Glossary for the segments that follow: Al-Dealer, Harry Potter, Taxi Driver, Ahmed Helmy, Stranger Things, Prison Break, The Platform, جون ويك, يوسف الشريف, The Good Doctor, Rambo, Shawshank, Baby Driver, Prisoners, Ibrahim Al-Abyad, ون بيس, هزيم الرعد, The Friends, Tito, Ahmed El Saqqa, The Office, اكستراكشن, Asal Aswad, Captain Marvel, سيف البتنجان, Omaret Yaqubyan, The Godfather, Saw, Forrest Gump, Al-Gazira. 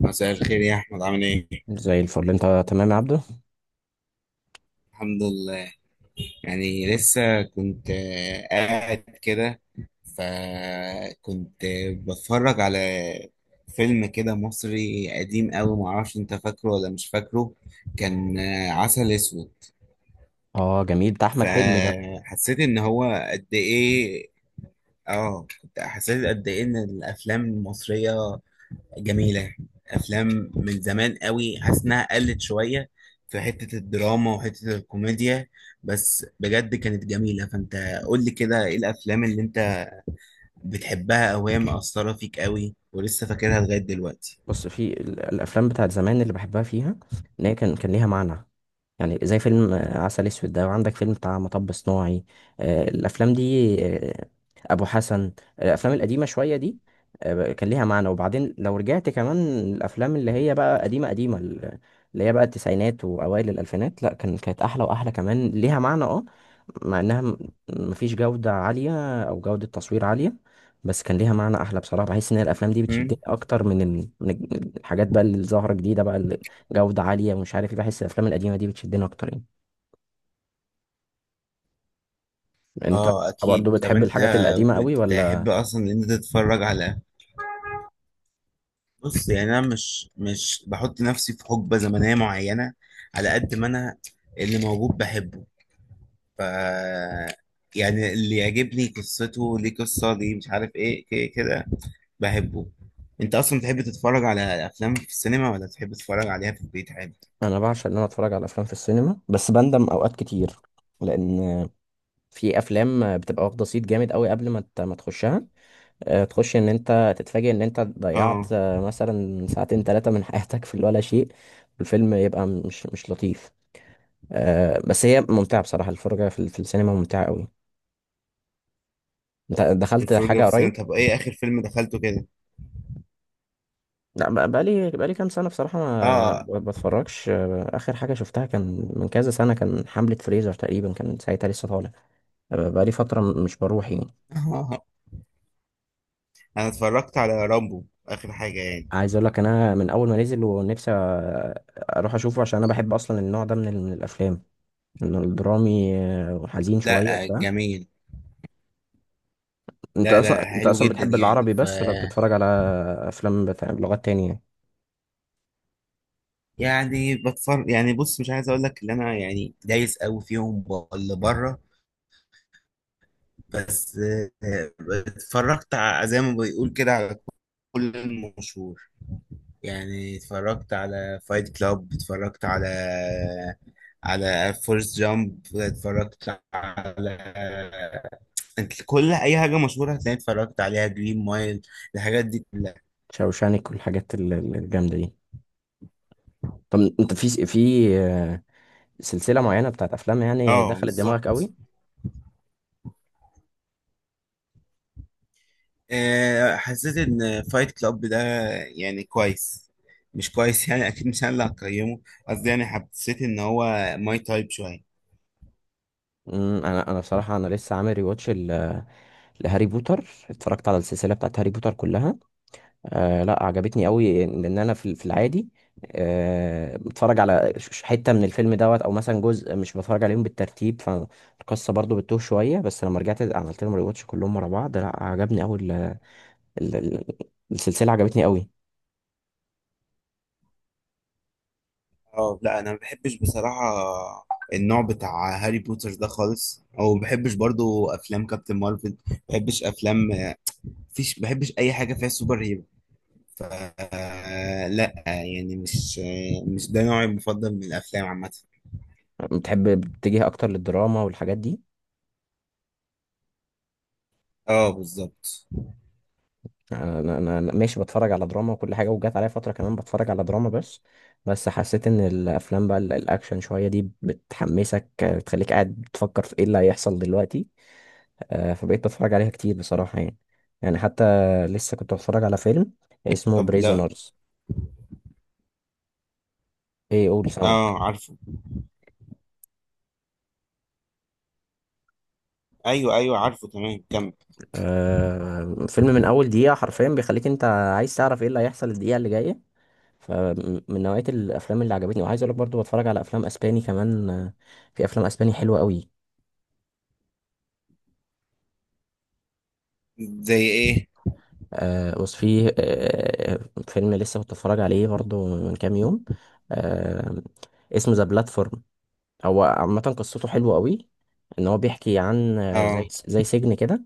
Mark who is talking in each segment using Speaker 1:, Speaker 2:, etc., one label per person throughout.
Speaker 1: مساء الخير يا احمد، عامل ايه؟
Speaker 2: زي الفل، انت تمام يا عبده؟
Speaker 1: الحمد لله. يعني لسه كنت قاعد كده، فكنت بتفرج على فيلم كده مصري قديم قوي، معرفش انت فاكره ولا مش فاكره. كان عسل اسود.
Speaker 2: اه جميل، ده احمد حلمي ده.
Speaker 1: فحسيت ان هو قد ايه، اه كنت حسيت قد ايه ان الافلام المصرية جميلة. أفلام من زمان قوي حاسس إنها قلت شوية في حتة الدراما وحتة الكوميديا، بس بجد كانت جميلة. فأنت قول لي كده، إيه الأفلام اللي أنت بتحبها أو هي مأثرة فيك قوي ولسه فاكرها لغاية دلوقتي؟
Speaker 2: بص، في الافلام بتاعت زمان اللي بحبها فيها ان هي كان ليها معنى. يعني زي فيلم عسل اسود ده، وعندك فيلم بتاع مطب صناعي. الافلام دي، ابو حسن، الافلام القديمه شويه دي، كان ليها معنى. وبعدين لو رجعت كمان الافلام اللي هي بقى قديمه قديمه، اللي هي بقى التسعينات واوائل الالفينات، لا كانت احلى واحلى، كمان ليها معنى اه. مع انها مفيش جوده عاليه او جوده تصوير عاليه، بس كان ليها معنى احلى. بصراحه بحس ان الافلام دي
Speaker 1: مم؟
Speaker 2: بتشدني اكتر من الحاجات بقى اللي ظاهره جديده بقى، جودة عالية ومش عارف ايه. بحس الافلام القديمة دي بتشدني اكتر يعني. يعني انت، طب
Speaker 1: آه
Speaker 2: برضه
Speaker 1: أكيد. طب
Speaker 2: بتحب
Speaker 1: أنت
Speaker 2: الحاجات القديمة قوي
Speaker 1: بتحب
Speaker 2: ولا؟
Speaker 1: أصلا إن أنت تتفرج على... بص، يعني أنا مش بحط نفسي في حقبة زمنية معينة، على قد ما أنا اللي موجود بحبه. ف يعني اللي يعجبني قصته ليه، قصة ليه، مش عارف ايه، كده كده بحبه. انت اصلا بتحب تتفرج على افلام في السينما، ولا تحب تتفرج عليها في البيت عادي؟
Speaker 2: انا بعشق ان انا اتفرج على افلام في السينما، بس بندم اوقات كتير لان في افلام بتبقى واخدة صيت جامد قوي قبل ما تخشها. تخش ان انت تتفاجئ ان انت ضيعت،
Speaker 1: اه.
Speaker 2: مثلا، ساعتين ثلاثة من حياتك في ولا شيء، والفيلم يبقى مش لطيف. بس هي ممتعة بصراحة، الفرجة في السينما ممتعة قوي. انت دخلت
Speaker 1: الفرجة في
Speaker 2: حاجة
Speaker 1: السينما؟
Speaker 2: قريب؟
Speaker 1: طب ايه اخر فيلم دخلته كده؟
Speaker 2: لا، بقالي كام سنة بصراحة ما
Speaker 1: اه.
Speaker 2: بتفرجش. آخر حاجة شفتها كان من كذا سنة، كان حملة فريزر تقريبا، كان ساعتها لسه طالع. بقالي فترة مش بروح يعني.
Speaker 1: انا اتفرجت على رامبو اخر حاجة يعني.
Speaker 2: عايز أقول لك، أنا من أول ما نزل ونفسي أروح أشوفه عشان أنا بحب أصلا النوع ده، من الأفلام، إنه الدرامي، وحزين شوية
Speaker 1: لا،
Speaker 2: بتاع.
Speaker 1: جميل.
Speaker 2: أنت
Speaker 1: لا
Speaker 2: أصلا،
Speaker 1: لا، حلو جدا
Speaker 2: بتحب
Speaker 1: يعني.
Speaker 2: العربي بس ولا بتتفرج على أفلام بتاع بلغات تانية يعني؟
Speaker 1: يعني بتفرج، يعني بص، مش عايز اقول لك ان انا يعني دايس قوي فيهم ولا بره، بس آه، اتفرجت زي ما بيقول كده على كل المشهور. يعني اتفرجت على فايت كلاب، اتفرجت على فورست جامب، اتفرجت على... انت كل اي حاجه مشهوره هتلاقي اتفرجت عليها، جرين مايل، الحاجات دي كلها.
Speaker 2: شوشانك والحاجات الجامدة دي. طب أنت في سلسلة معينة بتاعت أفلام يعني
Speaker 1: اه
Speaker 2: دخلت دماغك
Speaker 1: بالظبط.
Speaker 2: قوي؟
Speaker 1: حسيت ان فايت كلاب ده يعني كويس، مش كويس يعني، اكيد مش انا اللي هقيمه، قصدي يعني حسيت ان هو ماي تايب شويه.
Speaker 2: انا بصراحه، انا لسه عامل ريواتش لهاري بوتر، اتفرجت على السلسله بتاعت هاري بوتر كلها. آه لا، عجبتني قوي، لان انا في العادي آه بتفرج على حته من الفيلم دوت، او مثلا جزء، مش بتفرج عليهم بالترتيب، فالقصه برضو بتتوه شويه. بس لما رجعت عملت لهم ريواتش كلهم ورا بعض، لا عجبني قوي ال- ال- السلسله، عجبتني قوي.
Speaker 1: اه لا، انا ما بحبش بصراحه النوع بتاع هاري بوتر ده خالص، او ما بحبش برضو افلام كابتن مارفل، ما بحبش افلام... مفيش، ما بحبش اي حاجه فيها سوبر هيرو. ف لا يعني مش، ده نوعي المفضل من الافلام عامه.
Speaker 2: بتحب بتتجه اكتر للدراما والحاجات دي؟
Speaker 1: اه بالظبط.
Speaker 2: انا انا أنا ماشي، بتفرج على دراما وكل حاجه، وجات عليا فتره كمان بتفرج على دراما بس. بس حسيت ان الافلام بقى الاكشن شويه دي بتحمسك، بتخليك قاعد بتفكر في ايه اللي هيحصل دلوقتي. فبقيت بتفرج عليها كتير بصراحه يعني. يعني حتى لسه كنت بتفرج على فيلم اسمه
Speaker 1: طب لا،
Speaker 2: بريزونرز. ايه؟ قول، سامعك.
Speaker 1: اه عارفه، ايوه ايوه عارفه تمام، كمل.
Speaker 2: فيلم من اول دقيقه حرفيا بيخليك انت عايز تعرف ايه اللي هيحصل الدقيقه اللي جايه. فمن نوعيه الافلام اللي عجبتني. وعايز اقول لك برضو بتفرج على افلام اسباني كمان، في افلام اسباني حلوه قوي.
Speaker 1: زي ايه؟
Speaker 2: بص، في فيلم لسه كنت بتفرج عليه برضه من كام يوم، آه اسمه ذا بلاتفورم. هو عامة قصته حلوة قوي، ان هو بيحكي عن، زي
Speaker 1: اه
Speaker 2: سجن كده،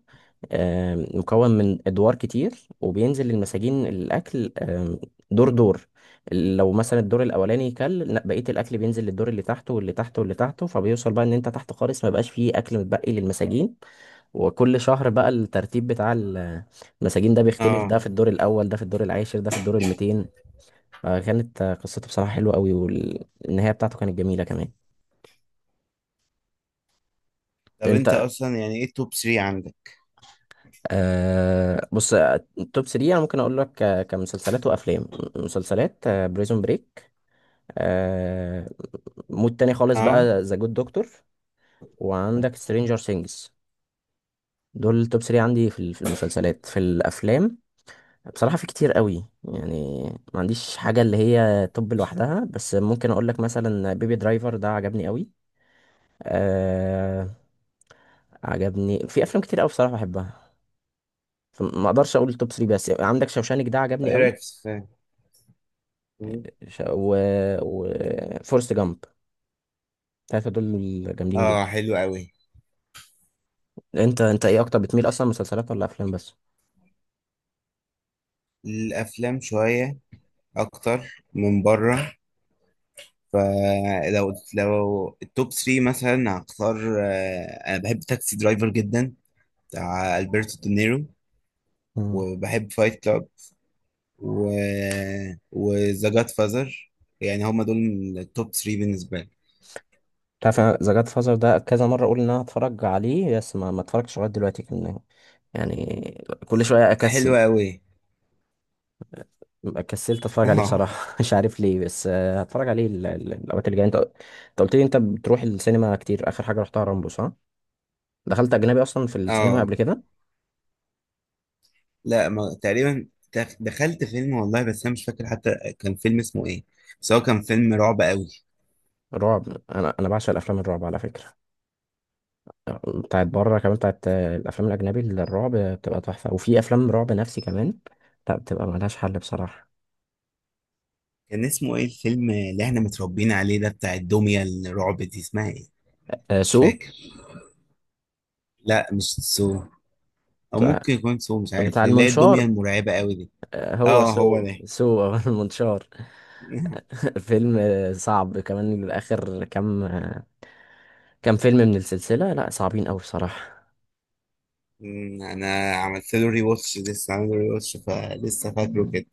Speaker 2: آه مكون من ادوار كتير وبينزل للمساجين الاكل، دور دور. لو مثلا الدور الاولاني كل، لا، بقية الاكل بينزل للدور اللي تحته واللي تحته واللي تحته، فبيوصل بقى ان انت تحت خالص ما بقاش فيه اكل متبقي للمساجين. وكل شهر بقى الترتيب بتاع المساجين ده بيختلف، ده
Speaker 1: اه.
Speaker 2: في الدور الأول، ده في الدور العاشر، ده في الدور الميتين. فكانت، قصته بصراحة حلوة قوي، والنهاية بتاعته كانت جميلة كمان.
Speaker 1: طب
Speaker 2: انت
Speaker 1: انت اصلا يعني ايه التوب 3 عندك؟
Speaker 2: بص، التوب 3 انا ممكن اقول لك، كمسلسلات وافلام، مسلسلات بريزون بريك، آه مود تاني خالص
Speaker 1: اه.
Speaker 2: بقى ذا جود دكتور، وعندك سترينجر سينجز. دول التوب 3 عندي في المسلسلات. في الافلام بصراحة في كتير قوي يعني، ما عنديش حاجة اللي هي توب لوحدها، بس ممكن اقول لك مثلا بيبي درايفر ده عجبني قوي. أه، عجبني في افلام كتير قوي بصراحة بحبها، فما اقدرش اقول التوب 3، بس عندك شوشانك ده عجبني
Speaker 1: ايه
Speaker 2: قوي،
Speaker 1: رايك في السفاح؟
Speaker 2: ش... و... و... فورست جامب، الثلاثة دول جامدين جدا.
Speaker 1: اه حلو قوي.
Speaker 2: انت، ايه اكتر بتميل اصلا، مسلسلات ولا افلام بس؟
Speaker 1: الافلام شويه اكتر من بره، فلو التوب 3 مثلا هختار، انا بحب تاكسي درايفر جدا بتاع البرتو دينيرو،
Speaker 2: مم.
Speaker 1: وبحب فايت كلاب، و وذا جاد فازر. يعني هما دول التوب 3 بالنسبه لي.
Speaker 2: تعرف ذا جاد فازر ده كذا مرة اقول ان انا هتفرج عليه، بس ما اتفرجتش لغاية دلوقتي. كان يعني كل شوية
Speaker 1: حلو
Speaker 2: اكسل،
Speaker 1: قوي.
Speaker 2: كسلت اتفرج عليه
Speaker 1: اه
Speaker 2: بصراحه مش عارف ليه. بس هتفرج عليه الاوقات اللي جايه. انت، قلت لي انت بتروح السينما كتير، اخر حاجه رحتها رامبو، صح؟ دخلت اجنبي اصلا في السينما
Speaker 1: اه
Speaker 2: قبل كده؟
Speaker 1: لا، ما... تقريبا. دخلت فيلم والله، بس انا مش فاكر حتى كان فيلم اسمه ايه، بس هو كان فيلم رعب قوي.
Speaker 2: رعب؟ انا بعشق الافلام الرعب على فكره، بتاعت بره كمان، بتاعت الافلام الاجنبي اللي الرعب بتبقى تحفه، وفي افلام رعب نفسي كمان، لا بتبقى ملهاش حل بصراحه.
Speaker 1: كان اسمه ايه الفيلم اللي احنا متربيين عليه ده بتاع الدمية الرعب دي؟ اسمها ايه؟ مش
Speaker 2: سو؟
Speaker 1: فاكر. لا مش سو، او
Speaker 2: بتاع
Speaker 1: ممكن يكون سو، مش عارف،
Speaker 2: بتاع
Speaker 1: اللي هي الدميه
Speaker 2: المنشار،
Speaker 1: المرعبه قوي دي.
Speaker 2: هو
Speaker 1: اه هو
Speaker 2: سو
Speaker 1: ده.
Speaker 2: سو المنشار. فيلم صعب كمان، اخر كام فيلم من السلسلة لا صعبين أوي بصراحة.
Speaker 1: انا عملت له ري واتش، لسه عامل له ري واتش، فلسه فاكره كده.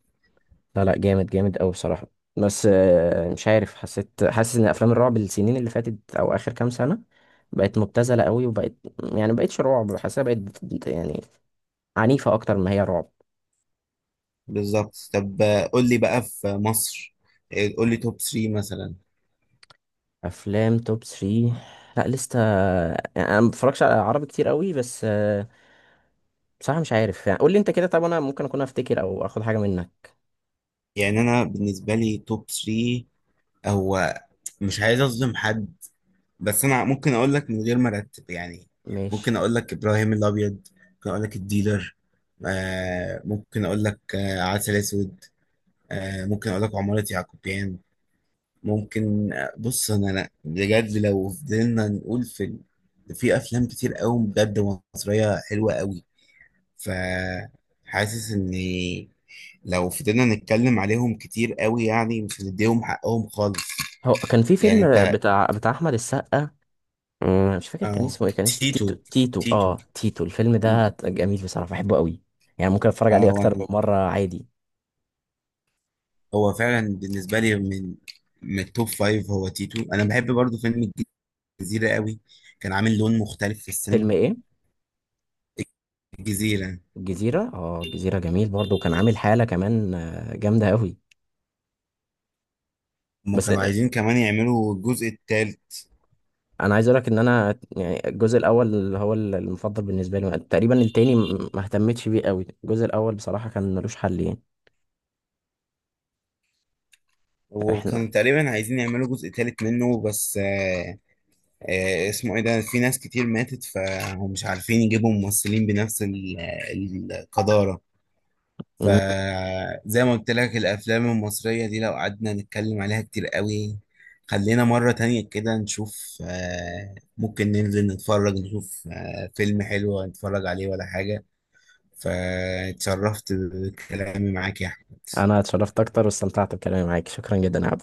Speaker 2: لا لا، جامد جامد أوي بصراحة. بس مش عارف، حاسس إن أفلام الرعب السنين اللي فاتت أو آخر كام سنة بقت مبتذلة أوي، وبقت يعني مبقتش رعب، حاسسها بقت يعني عنيفة أكتر ما هي رعب.
Speaker 1: بالظبط. طب قول لي بقى في مصر، قول لي توب 3 مثلا.
Speaker 2: أفلام توب 3؟ لا لسه، يعني أنا مبتفرجش على عربي كتير أوي. بس بصراحة مش عارف، يعني قول لي أنت كده، طب أنا ممكن أكون أفتكر أو آخد حاجة منك.
Speaker 1: يعني انا بالنسبه لي توب 3 هو... مش عايز اظلم حد، بس انا ممكن اقول لك من غير ما ارتب يعني. ممكن
Speaker 2: ماشي.
Speaker 1: اقول لك ابراهيم الابيض، ممكن اقول لك الديلر، آه ممكن اقول لك عسل اسود، ممكن اقول لك عمارة يعقوبيان. ممكن بص، انا بجد لو فضلنا نقول في في افلام كتير قوي بجد مصرية حلوة قوي. ف حاسس ان... لو فضلنا نتكلم عليهم كتير قوي يعني مش هنديهم حقهم خالص.
Speaker 2: هو كان في
Speaker 1: يعني
Speaker 2: فيلم
Speaker 1: انت.
Speaker 2: بتاع أحمد السقا، مش فاكر كان
Speaker 1: اه.
Speaker 2: اسمه ايه، كان اسمه
Speaker 1: تيتو تيتو
Speaker 2: تيتو. الفيلم
Speaker 1: تيتو.
Speaker 2: ده جميل بصراحة، بحبه قوي، يعني ممكن اتفرج
Speaker 1: اه.
Speaker 2: عليه اكتر من مرة عادي.
Speaker 1: هو فعلا بالنسبة لي من التوب فايف هو تيتو. انا بحب برضو فيلم الجزيرة قوي، كان عامل لون مختلف في السينما.
Speaker 2: فيلم ايه؟
Speaker 1: الجزيرة.
Speaker 2: الجزيرة؟ اه الجزيرة جميل برضه، وكان عامل حالة كمان جامدة قوي.
Speaker 1: هما
Speaker 2: بس
Speaker 1: كانوا عايزين كمان يعملوا الجزء التالت،
Speaker 2: انا عايز اقولك ان انا يعني الجزء الاول هو المفضل بالنسبة لي، تقريبا التاني ما اهتمتش بيه قوي، الجزء الاول بصراحة كان ملوش حل يعني. احنا،
Speaker 1: وكانوا تقريبا عايزين يعملوا جزء تالت منه، بس اسمه ايه ده، في ناس كتير ماتت فهم مش عارفين يجيبوا ممثلين بنفس القدارة.
Speaker 2: أمم،
Speaker 1: فزي ما قلت لك الأفلام المصرية دي لو قعدنا نتكلم عليها كتير قوي. خلينا مرة تانية كده نشوف، ممكن ننزل نتفرج نشوف فيلم حلو نتفرج عليه ولا حاجة. فاتشرفت بكلامي معاك يا أحمد.
Speaker 2: انا اتشرفت اكتر واستمتعت بكلامي معاك، شكرا جدا يا عبد.